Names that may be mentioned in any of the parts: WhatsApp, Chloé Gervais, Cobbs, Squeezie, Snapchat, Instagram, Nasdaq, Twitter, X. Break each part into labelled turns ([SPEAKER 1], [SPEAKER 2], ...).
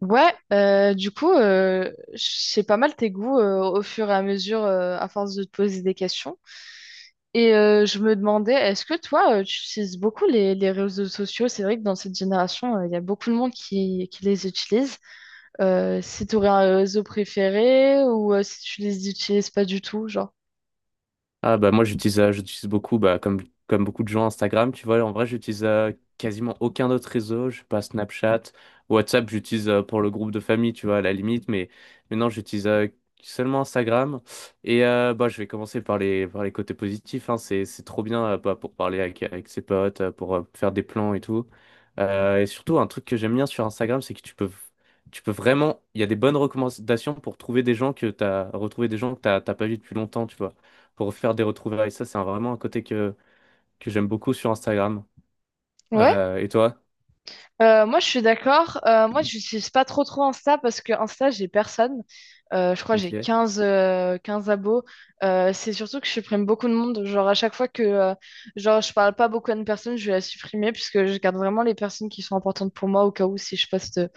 [SPEAKER 1] Ouais, je sais pas mal tes goûts au fur et à mesure, à force de te poser des questions. Je me demandais, est-ce que toi, tu utilises beaucoup les réseaux sociaux? C'est vrai que dans cette génération, il y a beaucoup de monde qui les utilise. Si tu aurais un réseau préféré ou si tu les utilises pas du tout, genre.
[SPEAKER 2] Ah bah moi j'utilise j'utilise beaucoup bah comme beaucoup de gens Instagram tu vois. En vrai j'utilise quasiment aucun autre réseau, je sais pas, Snapchat, WhatsApp j'utilise pour le groupe de famille tu vois, à la limite, mais mais non j'utilise seulement Instagram. Et bah je vais commencer par les côtés positifs hein. C'est trop bien bah, pour parler avec ses potes pour faire des plans et tout. Et surtout un truc que j'aime bien sur Instagram, c'est que tu peux vraiment, il y a des bonnes recommandations pour trouver des gens que t'as retrouver des gens que t'as pas vu depuis longtemps tu vois, pour faire des retrouvailles. Ça, c'est vraiment un côté que j'aime beaucoup sur Instagram.
[SPEAKER 1] Ouais.
[SPEAKER 2] Et toi?
[SPEAKER 1] Moi je suis d'accord. Moi, j'utilise pas trop trop Insta parce que Insta, j'ai personne. Je crois que
[SPEAKER 2] Ok.
[SPEAKER 1] j'ai 15 abos. C'est surtout que je supprime beaucoup de monde. Genre, à chaque fois que genre, je parle pas beaucoup à une personne, je vais la supprimer puisque je garde vraiment les personnes qui sont importantes pour moi au cas où si je poste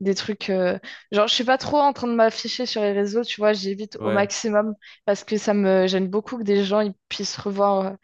[SPEAKER 1] des trucs. Genre, je suis pas trop en train de m'afficher sur les réseaux, tu vois, j'évite au
[SPEAKER 2] Ouais.
[SPEAKER 1] maximum parce que ça me gêne beaucoup que des gens ils puissent revoir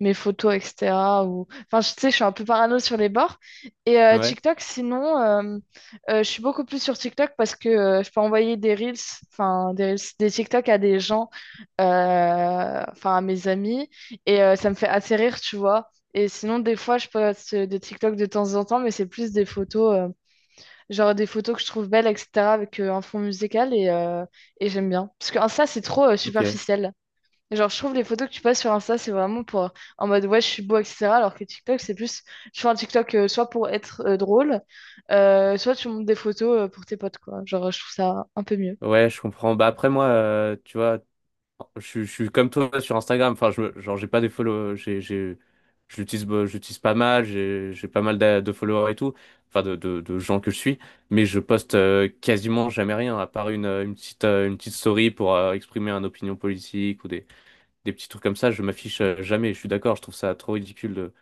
[SPEAKER 1] mes photos, etc. Tu sais, je suis un peu parano sur les bords.
[SPEAKER 2] Ouais.
[SPEAKER 1] TikTok, sinon, je suis beaucoup plus sur TikTok parce que je peux envoyer des reels, enfin, des reels, des TikTok à des gens, enfin, à mes amis. Ça me fait assez rire, tu vois. Et sinon, des fois, je poste des TikTok de temps en temps, mais c'est plus des photos, genre des photos que je trouve belles, etc., avec un fond musical et et j'aime bien. Ça, c'est trop
[SPEAKER 2] Ok.
[SPEAKER 1] superficiel. Genre, je trouve les photos que tu passes sur Insta, c'est vraiment pour en mode ouais, je suis beau, etc. Alors que TikTok, c'est plus tu fais un TikTok soit pour être drôle, soit tu montes des photos pour tes potes, quoi. Genre, je trouve ça un peu mieux.
[SPEAKER 2] Ouais, je comprends. Bah après moi, tu vois, je suis comme toi sur Instagram. Enfin, genre, j'ai pas des follow. Je l'utilise, bah, je l'utilise pas mal. J'ai pas mal de followers et tout. Enfin, de gens que je suis. Mais je poste quasiment jamais rien, à part une petite story pour exprimer une opinion politique ou des petits trucs comme ça. Je m'affiche jamais. Je suis d'accord. Je trouve ça trop ridicule de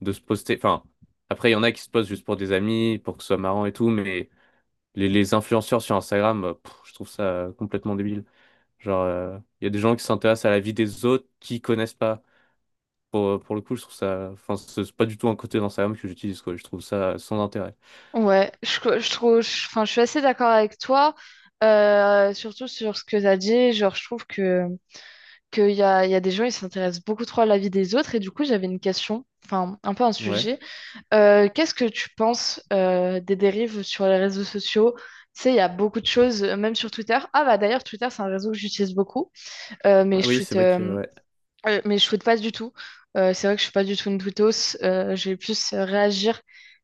[SPEAKER 2] de se poster. Enfin, après, il y en a qui se postent juste pour des amis, pour que ce soit marrant et tout, mais les influenceurs sur Instagram, pff, je trouve ça complètement débile. Genre, il y a des gens qui s'intéressent à la vie des autres qui connaissent pas. Pour le coup, je trouve ça. Enfin, c'est pas du tout un côté d'Instagram que j'utilise, quoi. Je trouve ça sans intérêt.
[SPEAKER 1] Ouais, je, co- je trouve, je- enfin, je suis assez d'accord avec toi, surtout sur ce que tu as dit. Genre, je trouve que. Qu'il y a, il y a des gens, ils s'intéressent beaucoup trop à la vie des autres. Et du coup, j'avais une question, enfin un peu un
[SPEAKER 2] Ouais.
[SPEAKER 1] sujet. Qu'est-ce que tu penses des dérives sur les réseaux sociaux? Tu sais, il y a beaucoup de choses, même sur Twitter. D'ailleurs, Twitter, c'est un réseau que j'utilise beaucoup. Mais
[SPEAKER 2] Ah
[SPEAKER 1] je
[SPEAKER 2] oui, c'est
[SPEAKER 1] tweete
[SPEAKER 2] vrai que.
[SPEAKER 1] euh,
[SPEAKER 2] Ouais.
[SPEAKER 1] euh, mais je shoote pas du tout. C'est vrai que je suis pas du tout une tweetos. Je vais plus réagir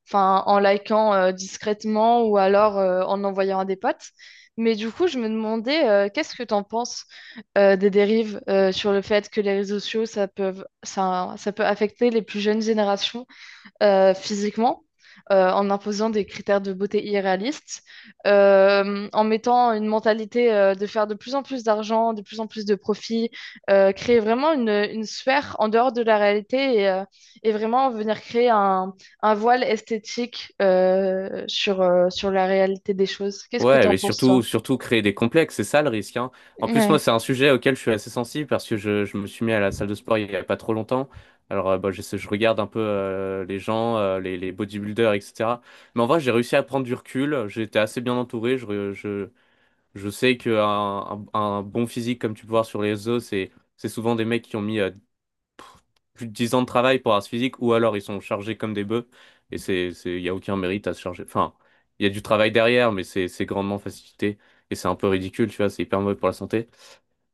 [SPEAKER 1] enfin, en likant discrètement ou alors en envoyant à des potes. Mais du coup, je me demandais, qu'est-ce que tu en penses des dérives sur le fait que les réseaux sociaux, ça peut affecter les plus jeunes générations physiquement, en imposant des critères de beauté irréalistes, en mettant une mentalité de faire de plus en plus d'argent, de plus en plus de profits, créer vraiment une sphère en dehors de la réalité et et vraiment venir créer un voile esthétique sur, sur la réalité des choses. Qu'est-ce que tu
[SPEAKER 2] Ouais,
[SPEAKER 1] en
[SPEAKER 2] mais
[SPEAKER 1] penses,
[SPEAKER 2] surtout,
[SPEAKER 1] toi?
[SPEAKER 2] surtout créer des complexes, c'est ça le risque, hein. En plus, moi,
[SPEAKER 1] Ouais.
[SPEAKER 2] c'est un sujet auquel je suis assez sensible parce que je me suis mis à la salle de sport il y a pas trop longtemps. Alors, bah, je regarde un peu les gens, les bodybuilders, etc. Mais en vrai, j'ai réussi à prendre du recul. J'ai été assez bien entouré. Je sais qu'un un bon physique, comme tu peux voir sur les réseaux, c'est souvent des mecs qui ont mis plus de 10 ans de travail pour Ars Physique, ou alors ils sont chargés comme des bœufs, et il n'y a aucun mérite à se charger. Enfin, il y a du travail derrière, mais c'est grandement facilité, et c'est un peu ridicule, tu vois, c'est hyper mauvais pour la santé.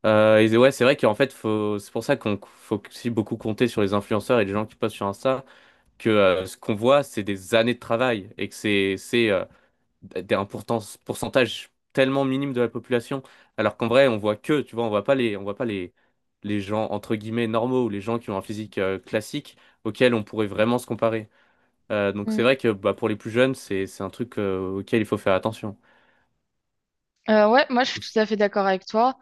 [SPEAKER 2] Et ouais, c'est vrai qu'en fait, faut, c'est pour ça qu'on faut aussi beaucoup compter sur les influenceurs et les gens qui postent sur Insta, que ce qu'on voit, c'est des années de travail, et que c'est des pourcentage tellement minime de la population, alors qu'en vrai, on voit que, tu vois, on voit pas les gens entre guillemets normaux ou les gens qui ont un physique classique auxquels on pourrait vraiment se comparer. Donc c'est
[SPEAKER 1] Mm.
[SPEAKER 2] vrai que bah, pour les plus jeunes, c'est un truc auquel il faut faire attention.
[SPEAKER 1] Ouais, moi je suis tout à fait d'accord avec toi.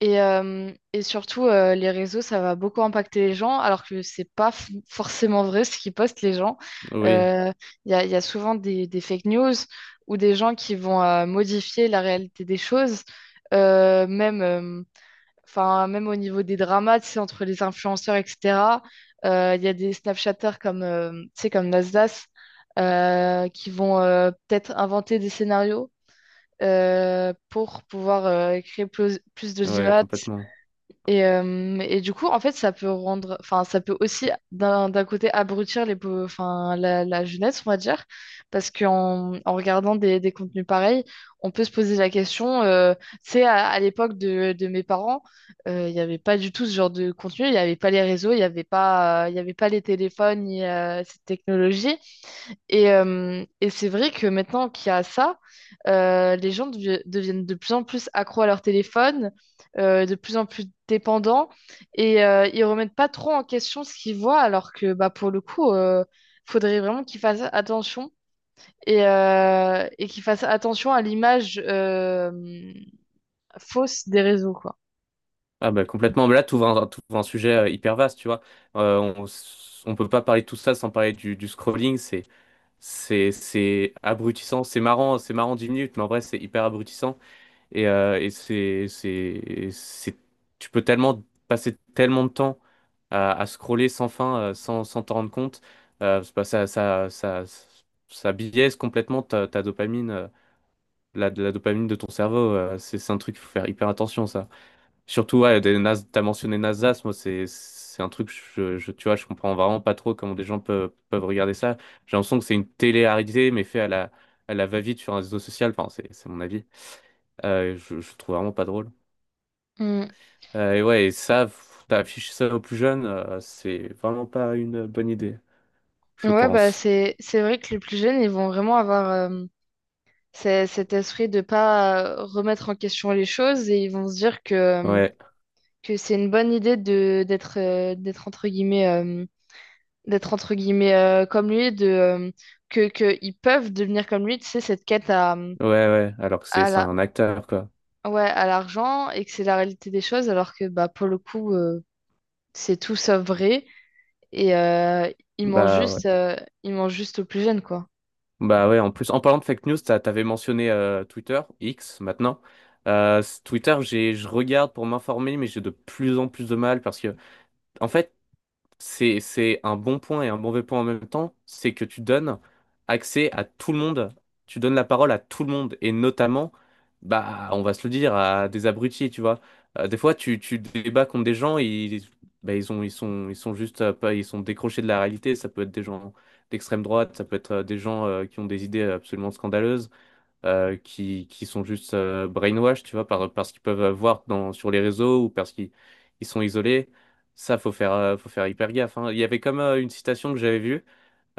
[SPEAKER 1] Et surtout, les réseaux, ça va beaucoup impacter les gens, alors que c'est pas forcément vrai ce qu'ils postent les gens.
[SPEAKER 2] Oui,
[SPEAKER 1] Euh, Il y a, il y a souvent des fake news ou des gens qui vont modifier la réalité des choses. Euh, même, euh, enfin, même au niveau des dramas, tu sais, entre les influenceurs, etc. Il y a des Snapchatters comme, tu sais, comme Nasdaq qui vont peut-être inventer des scénarios pour pouvoir créer plus
[SPEAKER 2] ouais,
[SPEAKER 1] d'audimat
[SPEAKER 2] complètement.
[SPEAKER 1] et et du coup, en fait, ça peut rendre, enfin, ça peut aussi d'un côté abrutir les, enfin, la jeunesse, on va dire, parce qu'en en regardant des contenus pareils, on peut se poser la question. C'est à l'époque de mes parents, il n'y avait pas du tout ce genre de contenu, il n'y avait pas les réseaux, il n'y avait pas, il y avait pas les téléphones, ni cette technologie. Et c'est vrai que maintenant qu'il y a ça, les gens deviennent de plus en plus accros à leur téléphone, de plus en plus dépendants, et ils remettent pas trop en question ce qu'ils voient, alors que bah, pour le coup, faudrait vraiment qu'ils fassent attention et et qu'ils fassent attention à l'image fausse des réseaux, quoi.
[SPEAKER 2] Ah bah complètement, mais là, t'ouvres un sujet hyper vaste, tu vois. On peut pas parler de tout ça sans parler du scrolling, c'est abrutissant, c'est marrant 10 minutes, mais en vrai, c'est hyper abrutissant. Et, tu peux tellement passer tellement de temps à scroller sans fin, sans t'en rendre compte. C'est pas- ça biaise complètement ta dopamine, la dopamine de ton cerveau. C'est un truc, faut faire hyper attention, ça. Surtout, ouais, t'as mentionné Nasdaq, moi, c'est un truc, tu vois, je comprends vraiment pas trop comment des gens peuvent regarder ça. J'ai l'impression que c'est une télé-réalité, mais fait à la va-vite sur un réseau social. Enfin, c'est mon avis. Je trouve vraiment pas drôle.
[SPEAKER 1] Mm.
[SPEAKER 2] Et ouais, et ça, pff, d'afficher ça aux plus jeunes, c'est vraiment pas une bonne idée, je
[SPEAKER 1] Ouais, bah
[SPEAKER 2] pense.
[SPEAKER 1] c'est vrai que les plus jeunes, ils vont vraiment avoir c'est cet esprit de pas remettre en question les choses et ils vont se dire
[SPEAKER 2] Ouais,
[SPEAKER 1] que c'est une bonne idée de d'être d'être entre guillemets, d'être entre guillemets comme lui de que ils peuvent devenir comme lui tu sais cette quête à
[SPEAKER 2] ouais, alors que
[SPEAKER 1] à
[SPEAKER 2] c'est
[SPEAKER 1] la
[SPEAKER 2] un acteur, quoi.
[SPEAKER 1] ouais à l'argent et que c'est la réalité des choses alors que bah pour le coup, c'est tout sauf vrai et ils mangent
[SPEAKER 2] Bah ouais.
[SPEAKER 1] juste, ils mangent juste aux plus jeunes quoi.
[SPEAKER 2] Bah ouais, en plus, en parlant de fake news, t'avais mentionné Twitter, X maintenant. Twitter, je regarde pour m'informer, mais j'ai de plus en plus de mal parce que, en fait, c'est un bon point et un mauvais point en même temps, c'est que tu donnes accès à tout le monde, tu donnes la parole à tout le monde, et notamment, bah, on va se le dire, à des abrutis, tu vois. Des fois, tu débats contre des gens, bah, ils sont juste, pas, ils sont décrochés de la réalité, ça peut être des gens d'extrême droite, ça peut être des gens qui ont des idées absolument scandaleuses, qui sont juste brainwash, tu vois, parce qu'ils peuvent voir dans, sur les réseaux ou parce qu'ils ils sont isolés. Ça, faut faire hyper gaffe, hein. Il y avait comme une citation que j'avais vue,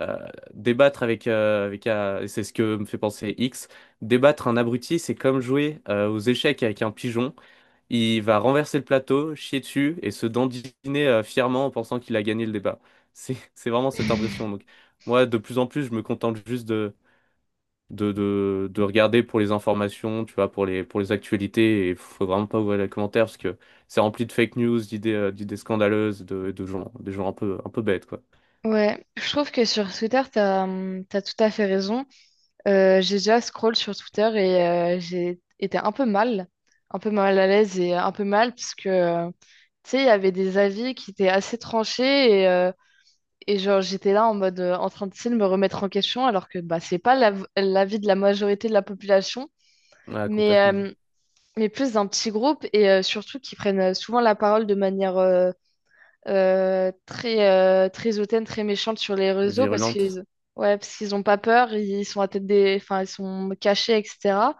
[SPEAKER 2] euh, débattre avec, avec un- et c'est ce que me fait penser X, débattre un abruti, c'est comme jouer aux échecs avec un pigeon. Il va renverser le plateau, chier dessus et se dandiner fièrement en pensant qu'il a gagné le débat. C'est, c'est vraiment cette impression. Donc, moi, de plus en plus, je me contente juste de regarder pour les informations, tu vois, pour pour les actualités. Et faut vraiment pas ouvrir les commentaires parce que c'est rempli de fake news, d'idées scandaleuses, des gens un peu bêtes, quoi.
[SPEAKER 1] Ouais, je trouve que sur Twitter, t'as, t'as tout à fait raison. J'ai déjà scroll sur Twitter et j'ai été un peu mal à l'aise et un peu mal parce que, tu sais, il y avait des avis qui étaient assez tranchés et et genre j'étais là en mode en train de, tu sais, de me remettre en question alors que bah, c'est pas l'avis de la majorité de la population,
[SPEAKER 2] Ouais,
[SPEAKER 1] mais,
[SPEAKER 2] complètement.
[SPEAKER 1] euh, mais plus d'un petit groupe et surtout qui prennent souvent la parole de manière très hautaine, très méchante sur les réseaux parce
[SPEAKER 2] Virulente.
[SPEAKER 1] qu'ils... Ouais, parce qu'ils n'ont pas peur, ils sont à tête des... enfin, ils sont cachés, etc.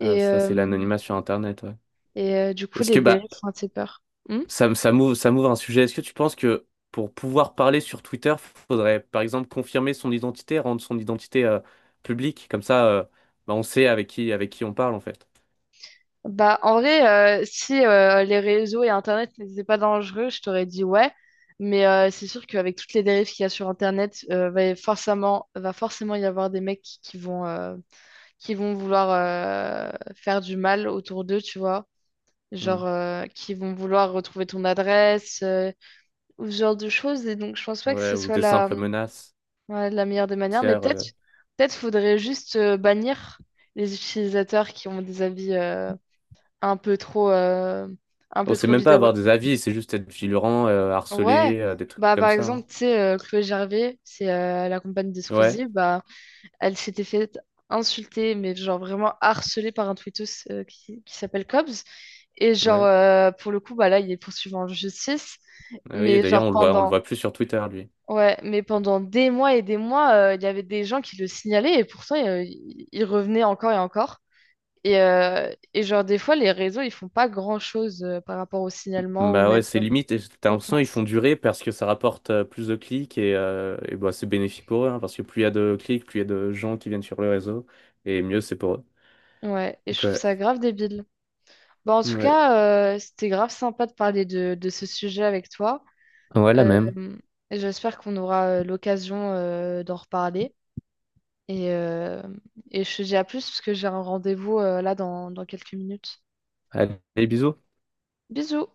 [SPEAKER 2] Ah, ça, c'est
[SPEAKER 1] euh,
[SPEAKER 2] l'anonymat sur Internet, ouais.
[SPEAKER 1] du coup,
[SPEAKER 2] Est-ce
[SPEAKER 1] les
[SPEAKER 2] que, bah,
[SPEAKER 1] dérives font assez peur. Hmm.
[SPEAKER 2] ça m'ouvre un sujet. Est-ce que tu penses que pour pouvoir parler sur Twitter, faudrait, par exemple, confirmer son identité, rendre son identité, publique? Comme ça, bah, on sait avec qui on parle, en fait.
[SPEAKER 1] Bah, en vrai, si les réseaux et Internet n'étaient pas dangereux, je t'aurais dit ouais. Mais c'est sûr qu'avec toutes les dérives qu'il y a sur Internet, forcément, va forcément y avoir des mecs qui vont, qui vont vouloir faire du mal autour d'eux, tu vois.
[SPEAKER 2] Hmm.
[SPEAKER 1] Genre, qui vont vouloir retrouver ton adresse, ou ce genre de choses. Et donc, je pense pas que
[SPEAKER 2] Ouais,
[SPEAKER 1] ce
[SPEAKER 2] ou
[SPEAKER 1] soit
[SPEAKER 2] des
[SPEAKER 1] la,
[SPEAKER 2] simples menaces.
[SPEAKER 1] ouais, de la meilleure des manières, mais peut-être faudrait juste bannir les utilisateurs qui ont des avis un peu trop euh, un
[SPEAKER 2] On
[SPEAKER 1] peu
[SPEAKER 2] sait
[SPEAKER 1] trop
[SPEAKER 2] même pas
[SPEAKER 1] véreux.
[SPEAKER 2] avoir des avis, c'est juste être vigilant,
[SPEAKER 1] Ouais.
[SPEAKER 2] harcelé, des trucs
[SPEAKER 1] Bah
[SPEAKER 2] comme
[SPEAKER 1] par
[SPEAKER 2] ça, hein.
[SPEAKER 1] exemple, tu sais Chloé Gervais, c'est la compagne de
[SPEAKER 2] Ouais,
[SPEAKER 1] Squeezie, bah elle s'était fait insulter mais genre vraiment harcelée par un tweetos qui s'appelle Cobbs et
[SPEAKER 2] ouais.
[SPEAKER 1] pour le coup bah là il est poursuivi en justice
[SPEAKER 2] Ah oui,
[SPEAKER 1] mais
[SPEAKER 2] d'ailleurs,
[SPEAKER 1] genre
[SPEAKER 2] on le
[SPEAKER 1] pendant.
[SPEAKER 2] voit plus sur Twitter, lui.
[SPEAKER 1] Ouais, mais pendant des mois et des mois, il y avait des gens qui le signalaient et pourtant ils revenaient encore et encore. Et genre des fois, les réseaux, ils font pas grand-chose par rapport au signalement ou
[SPEAKER 2] Bah ouais,
[SPEAKER 1] même
[SPEAKER 2] c'est limite, et t'as
[SPEAKER 1] aux
[SPEAKER 2] l'impression qu'ils
[SPEAKER 1] plaintes.
[SPEAKER 2] font durer parce que ça rapporte plus de clics et bah, c'est bénéfique pour eux, hein, parce que plus il y a de clics, plus il y a de gens qui viennent sur le réseau, et mieux c'est pour eux.
[SPEAKER 1] Ouais, et je
[SPEAKER 2] Donc
[SPEAKER 1] trouve
[SPEAKER 2] ouais,
[SPEAKER 1] ça grave débile. Bon, en tout
[SPEAKER 2] ouais.
[SPEAKER 1] cas, c'était grave sympa de parler de ce sujet avec toi.
[SPEAKER 2] Ouais, la
[SPEAKER 1] Euh,
[SPEAKER 2] même.
[SPEAKER 1] et j'espère qu'on aura l'occasion d'en reparler. Et, euh, et je te dis à plus parce que j'ai un rendez-vous là dans quelques minutes.
[SPEAKER 2] Allez, bisous.
[SPEAKER 1] Bisous!